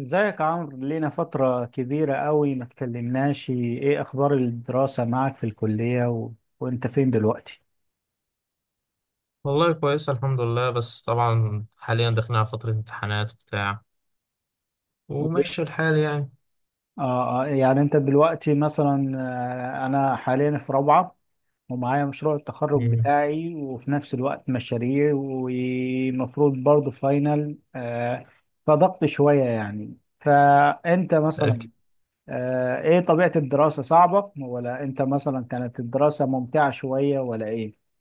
ازيك يا عمرو، لينا فترة كبيرة قوي ما اتكلمناش. ايه اخبار الدراسة معك في الكلية و... وانت فين دلوقتي؟ والله كويسة، الحمد لله. بس طبعا حاليا داخلين على فترة امتحانات بتاع، وب- وماشي الحال يعني. يعني انت دلوقتي مثلا انا حاليا في رابعة، ومعايا مشروع التخرج مم. بتاعي وفي نفس الوقت مشاريع ومفروض برضه فاينل. فضغط شوية يعني. فأنت مثلا لكن- إيه طبيعة الدراسة؟ صعبة ولا أنت مثلا كانت الدراسة ممتعة شوية ولا إيه؟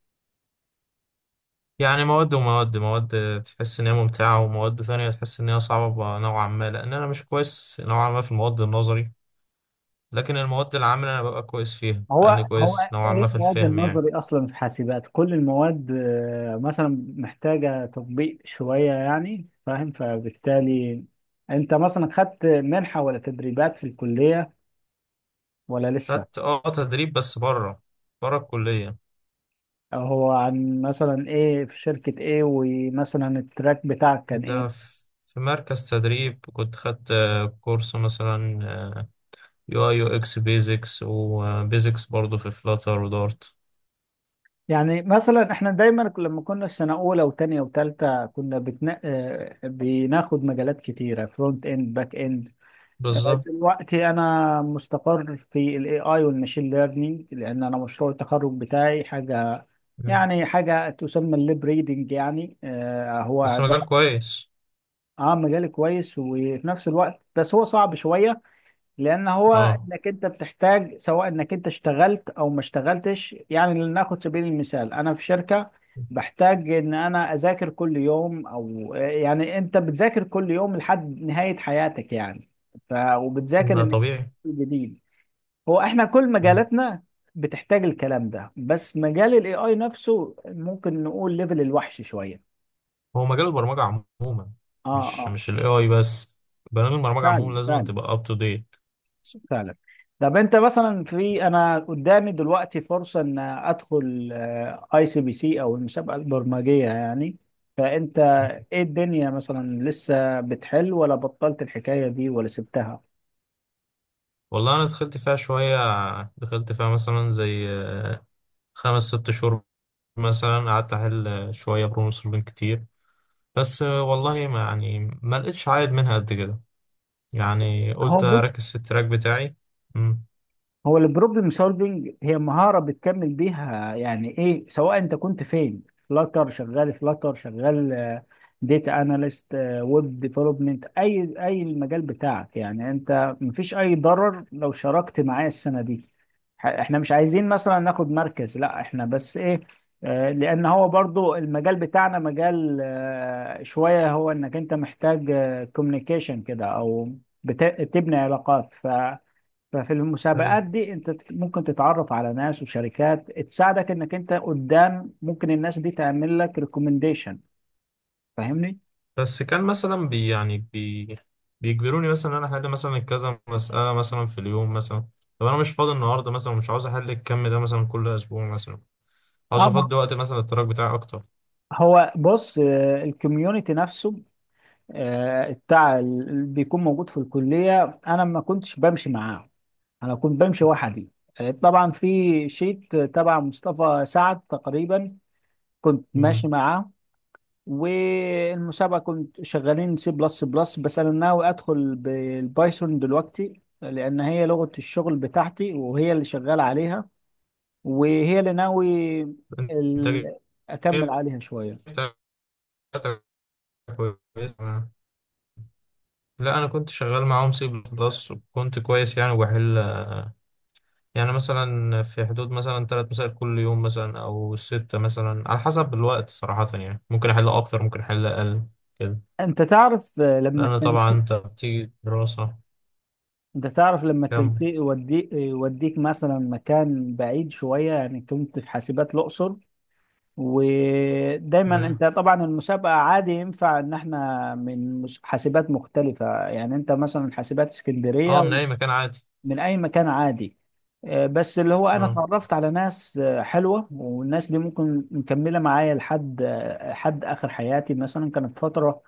يعني مواد تحس إن هي ممتعة، ومواد ثانية تحس إن هي صعبة نوعا ما، لأن أنا مش كويس نوعا ما في المواد النظري. لكن المواد العامة أنا ببقى كويس فيها، هو لأني هو كويس نوعا ايه ما في المواد الفهم يعني. النظري؟ اصلا في حاسبات كل المواد مثلا محتاجه تطبيق شويه يعني، فاهم؟ فبالتالي انت مثلا خدت منحه ولا تدريبات في الكليه ولا لسه؟ خدت تدريب، بس بره الكلية. هو عن مثلا ايه؟ في شركه ايه؟ ومثلا التراك بتاعك كان ده ايه؟ في مركز تدريب، كنت خدت كورس مثلا يو اي يو اكس، بيزكس وبيزكس برضه، في فلاتر ودارت. يعني مثلا احنا دايما لما كنا في سنه اولى وتانية وتالتة كنا بتنا... آه، بناخد مجالات كتيره، فرونت اند، باك اند. بالظبط. دلوقتي انا مستقر في الاي اي والماشين ليرنينج، لان انا مشروع التخرج بتاعي حاجه، مم. يعني حاجه تسمى الليب ريدنج. يعني آه هو بس مجال عباره. كويس. اه مجال كويس وفي نفس الوقت بس هو صعب شويه، لان هو اه، انك انت بتحتاج سواء انك انت اشتغلت او ما اشتغلتش. يعني لناخد سبيل المثال انا في شركه، بحتاج ان انا اذاكر كل يوم، او يعني انت بتذاكر كل يوم لحد نهايه حياتك يعني. ف وبتذاكر ده انك طبيعي. انت جديد. هو احنا كل مم. مجالاتنا بتحتاج الكلام ده، بس مجال الاي اي نفسه ممكن نقول ليفل الوحش شويه. هو مجال البرمجة عموما، اه مش اه، مش الاي اي بس، برامج البرمجة عموما فعلا لازم أن فعلا تبقى اب تو ديت. فعلا. طب انت مثلا في، انا قدامي دلوقتي فرصه ان ادخل اي سي بي سي، او المسابقه البرمجيه يعني. فانت ايه الدنيا مثلا، لسه بتحل ولا بطلت الحكايه دي ولا سبتها؟ والله انا دخلت فيها شوية، دخلت فيها مثلا زي خمس ست شهور، مثلا قعدت احل شوية بروبلم سولفنج كتير، بس والله ما يعني ما لقيتش عائد منها قد كده، يعني هو قلت بص، اركز في التراك بتاعي. مم. هو البروبلم سولفنج هي مهارة بتكمل بيها، يعني ايه سواء انت كنت فين. فلاتر شغال، فلاتر شغال، داتا اناليست، ويب ديفلوبمنت، اي اي المجال بتاعك، يعني انت مفيش اي ضرر لو شاركت معايا السنة دي. احنا مش عايزين مثلا ناخد مركز، لا احنا بس ايه، لان هو برضو المجال بتاعنا مجال شوية، هو انك انت محتاج كوميونيكيشن كده، او بتبني علاقات. ففي المسابقات دي انت ممكن تتعرف على ناس وشركات تساعدك، انك انت قدام ممكن الناس دي تعمل لك ريكومنديشن. فاهمني؟ بس كان مثلا بي يعني بي بيجبروني مثلا ان انا احل مثلا كذا مسألة مثلا في اليوم مثلا. طب انا مش فاضي النهارده مثلا، ومش عاوز احل الكم ده مثلا كل اسبوع مثلا، عاوز اه ما افضي وقت مثلا للتراك بتاعي اكتر. هو بص، الكوميونتي نفسه بتاع اللي بيكون موجود في الكلية، انا ما كنتش بمشي معاه، انا كنت بمشي وحدي. طبعا في شيت تبع مصطفى سعد تقريبا، كنت ماشي مم. معاه. والمسابقة كنت شغالين سي بلس بلس، بس أنا ناوي أدخل بالبايثون دلوقتي لأن هي لغة الشغل بتاعتي وهي اللي شغال عليها، وهي اللي ناوي الانتاجية ال... أكمل عليها شوية. بتاعتك كويسة. لا، انا كنت شغال معاهم سي بلس، وكنت كويس يعني، وبحل يعني مثلا في حدود مثلا 3 مسائل كل يوم مثلا، او ستة مثلا على حسب الوقت صراحة، يعني ممكن احل اكتر ممكن احل اقل كده، أنت تعرف آه، لما لأن طبعا التنسيق أنت بتيجي دراسة. أنت تعرف لما كمل. التنسيق يوديك مثلا مكان بعيد شوية، يعني كنت في حاسبات الأقصر. ودايما انت مم. طبعا المسابقه عادي ينفع ان احنا من حاسبات مختلفه، يعني انت مثلا حاسبات أه، اسكندريه، من أي مكان عادي. من اي مكان عادي. بس اللي هو انا أه. اتعرفت على ناس حلوه، والناس دي ممكن مكمله معايا لحد حد اخر حياتي مثلا، كانت فتره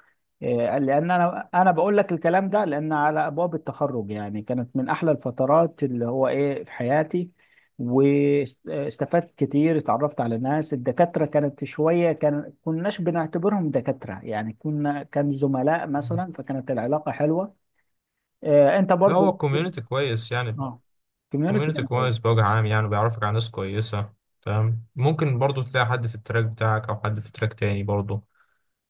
لان انا بقول لك الكلام ده لان على ابواب التخرج، يعني كانت من احلى الفترات اللي هو ايه في حياتي. واستفدت كتير، اتعرفت على ناس، الدكاتره كانت شويه، كان كناش بنعتبرهم دكاتره، يعني كنا كان زملاء آه. مثلا، فكانت العلاقه حلوه. انت لا، هو برضو؟ الكوميونيتي كويس يعني. اه، كوميونتي الكوميونيتي كانت كويس كويسه. بوجه عام، يعني بيعرفك على ناس كويسة، تمام. ممكن برضو تلاقي حد في التراك بتاعك، أو حد في تراك تاني برضو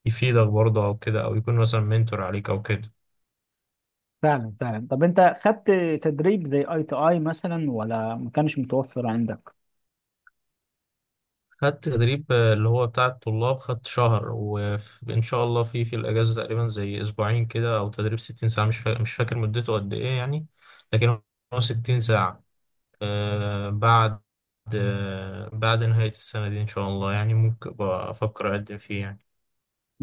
يفيدك برضو، أو كده، أو يكون مثلا منتور عليك أو كده. فعلا فعلا. طب انت خدت تدريب زي اي تي اي مثلا ولا ما كانش متوفر عندك؟ خدت تدريب اللي هو بتاع الطلاب، خدت شهر، وإن شاء الله في الأجازة تقريبا زي أسبوعين كده، أو تدريب 60 ساعة، مش فاكر مدته قد إيه يعني. لكن هو 60 ساعة. آه بعد بعد نهاية السنة دي إن شاء الله يعني، ممكن أبقى أفكر أقدم فيه يعني.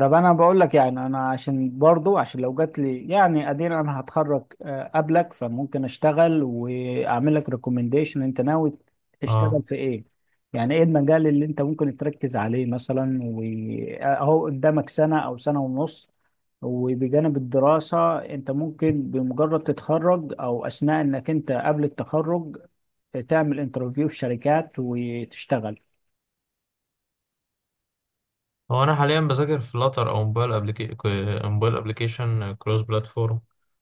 طب انا بقول لك، يعني انا عشان برضو عشان لو جات لي، يعني ادينا انا هتخرج قبلك، فممكن اشتغل واعمل لك ريكومنديشن. انت ناوي تشتغل اه، في ايه؟ يعني ايه المجال اللي انت ممكن تركز عليه مثلا؟ واهو قدامك سنة او سنة ونص، وبجانب الدراسة انت ممكن بمجرد تتخرج او اثناء انك انت قبل التخرج، تعمل انترفيو في شركات وتشتغل. هو أنا حاليا بذاكر فلاتر أو موبايل أبليكيشن كروس بلاتفورم.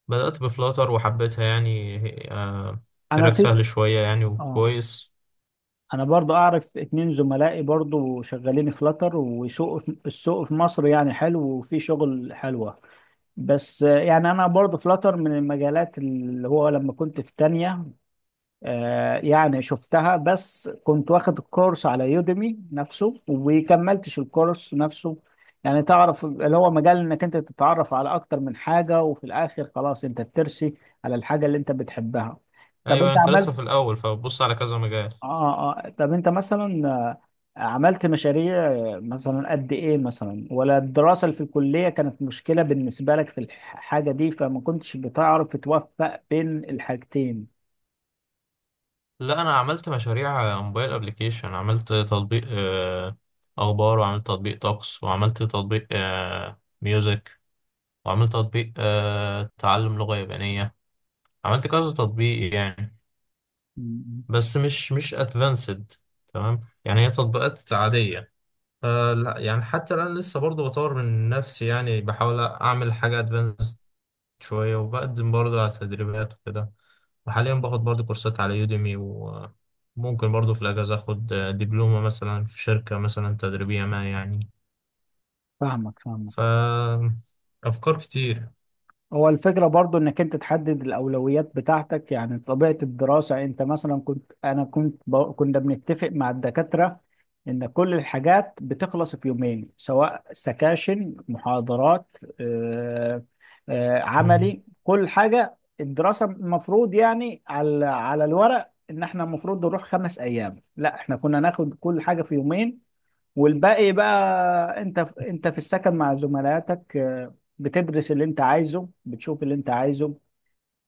بدأت بفلاتر وحبيتها يعني. آه انا تراك في سهل شوية يعني اه، وكويس. انا برضو اعرف اتنين زملائي برضو شغالين فلاتر، وسوق في مصر يعني حلو، وفي شغل حلوة. بس يعني انا برضو فلاتر من المجالات اللي هو لما كنت في تانية يعني شفتها، بس كنت واخد الكورس على يوديمي نفسه وكملتش الكورس نفسه. يعني تعرف اللي هو مجال انك انت تتعرف على اكتر من حاجة، وفي الاخر خلاص انت بترسي على الحاجة اللي انت بتحبها. طب انت أيوة، أنت لسه عملت، في الأول فبص على كذا مجال. اه اه، طب انت مثلا عملت مشاريع مثلا قد ايه مثلا؟ ولا الدراسة اللي في الكلية كانت مشكلة بالنسبة لك في الحاجة دي، فما كنتش بتعرف توفق بين الحاجتين؟ لا، أنا عملت مشاريع موبايل أبليكيشن، عملت تطبيق أخبار، وعملت تطبيق طقس، وعملت تطبيق ميوزك، وعملت تطبيق تعلم لغة يابانية. عملت كذا تطبيق يعني، م- م. بس مش ادفانسد، تمام، يعني هي تطبيقات عادية. فلا يعني حتى الآن لسه برضه بطور من نفسي، يعني بحاول أعمل حاجة ادفانسد شوية، وبقدم برضه على تدريبات وكده، وحاليا باخد برضه كورسات على يوديمي، وممكن برضه في الأجازة أخد دبلومة مثلا في شركة مثلا تدريبية ما يعني. فاهمك فاهمك. ف أفكار كتير. هو الفكرة برضو انك انت تحدد الاولويات بتاعتك. يعني طبيعة الدراسة، انت مثلا كنت، انا كنت كنا بنتفق مع الدكاترة ان كل الحاجات بتخلص في يومين، سواء سكاشن، محاضرات، مم. عملي، كل حاجة. الدراسة المفروض يعني على على الورق ان احنا المفروض نروح خمس ايام، لا احنا كنا ناخد كل حاجة في يومين، والباقي بقى انت انت في السكن مع زملائاتك بتدرس اللي انت عايزه، بتشوف اللي انت عايزه.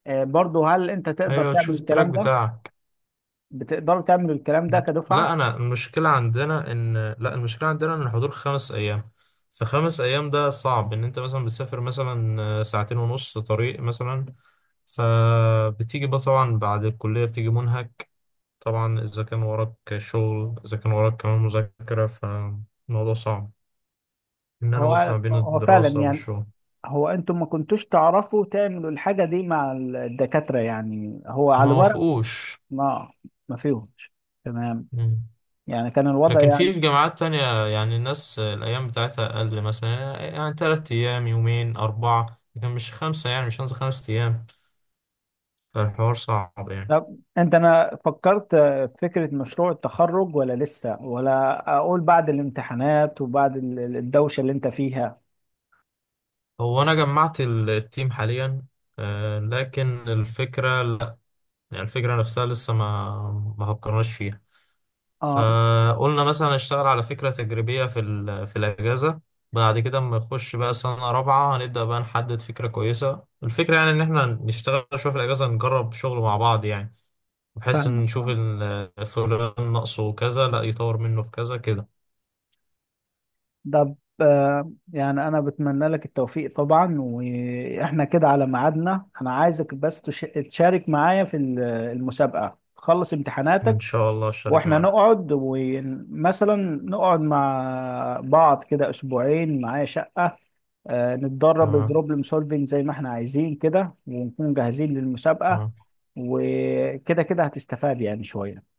برضه هل انت تقدر أيوة، تعمل تشوف التراك الكلام ده؟ بتاعك. بتقدروا تعملوا الكلام ده كدفعة؟ لا انا المشكله عندنا ان لا، المشكله عندنا ان الحضور 5 ايام، فخمس ايام ده صعب، ان انت مثلا بتسافر مثلا ساعتين ونص طريق مثلا، فبتيجي بقى طبعا بعد الكليه بتيجي منهك، طبعا اذا كان وراك شغل، اذا كان وراك كمان مذاكره، فالموضوع صعب ان انا اوفق ما هو بين هو فعلا الدراسه يعني. والشغل. هو انتم ما كنتوش تعرفوا تعملوا الحاجة دي مع الدكاترة؟ يعني هو على ما الورق وافقوش. ما، ما فيهمش؟ تمام، يعني كان الوضع. لكن في جامعات تانية يعني الناس الأيام بتاعتها أقل مثلا، يعني 3 أيام، يومين، أربعة، لكن مش خمسة، يعني مش هنزل 5 أيام، فالحوار صعب يعني. طب انت، انا فكرت في فكرة مشروع التخرج ولا لسه؟ ولا اقول بعد الامتحانات وبعد الدوشة اللي انت فيها؟ هو أنا جمعت التيم حاليا. آه، لكن الفكرة لأ، يعني الفكرة نفسها لسه ما فكرناش فيها. اه، فقلنا مثلا نشتغل على فكرة تجريبية في الأجازة. بعد كده اما نخش بقى سنة رابعة، هنبدأ بقى نحدد فكرة كويسة. الفكرة يعني إن إحنا نشتغل شوية في الأجازة، نجرب شغل مع بعض يعني، بحيث فاهمك ان يشوف فاهمك. فلان ناقصه كذا، لا يطور منه في كذا كده. طب يعني انا بتمنى لك التوفيق طبعا، واحنا كده على ميعادنا، انا عايزك بس تشارك معايا في المسابقة. تخلص ان امتحاناتك شاء الله اشترك واحنا معاك. نقعد، ومثلا نقعد مع بعض كده اسبوعين، معايا شقة، نتدرب تمام، بروبلم سولفينج زي ما احنا عايزين كده، ونكون جاهزين للمسابقة. تمام. وكده كده هتستفاد يعني شوية.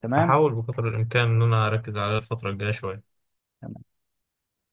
تمام. هحاول بقدر الامكان ان انا اركز على الفتره الجايه شويه.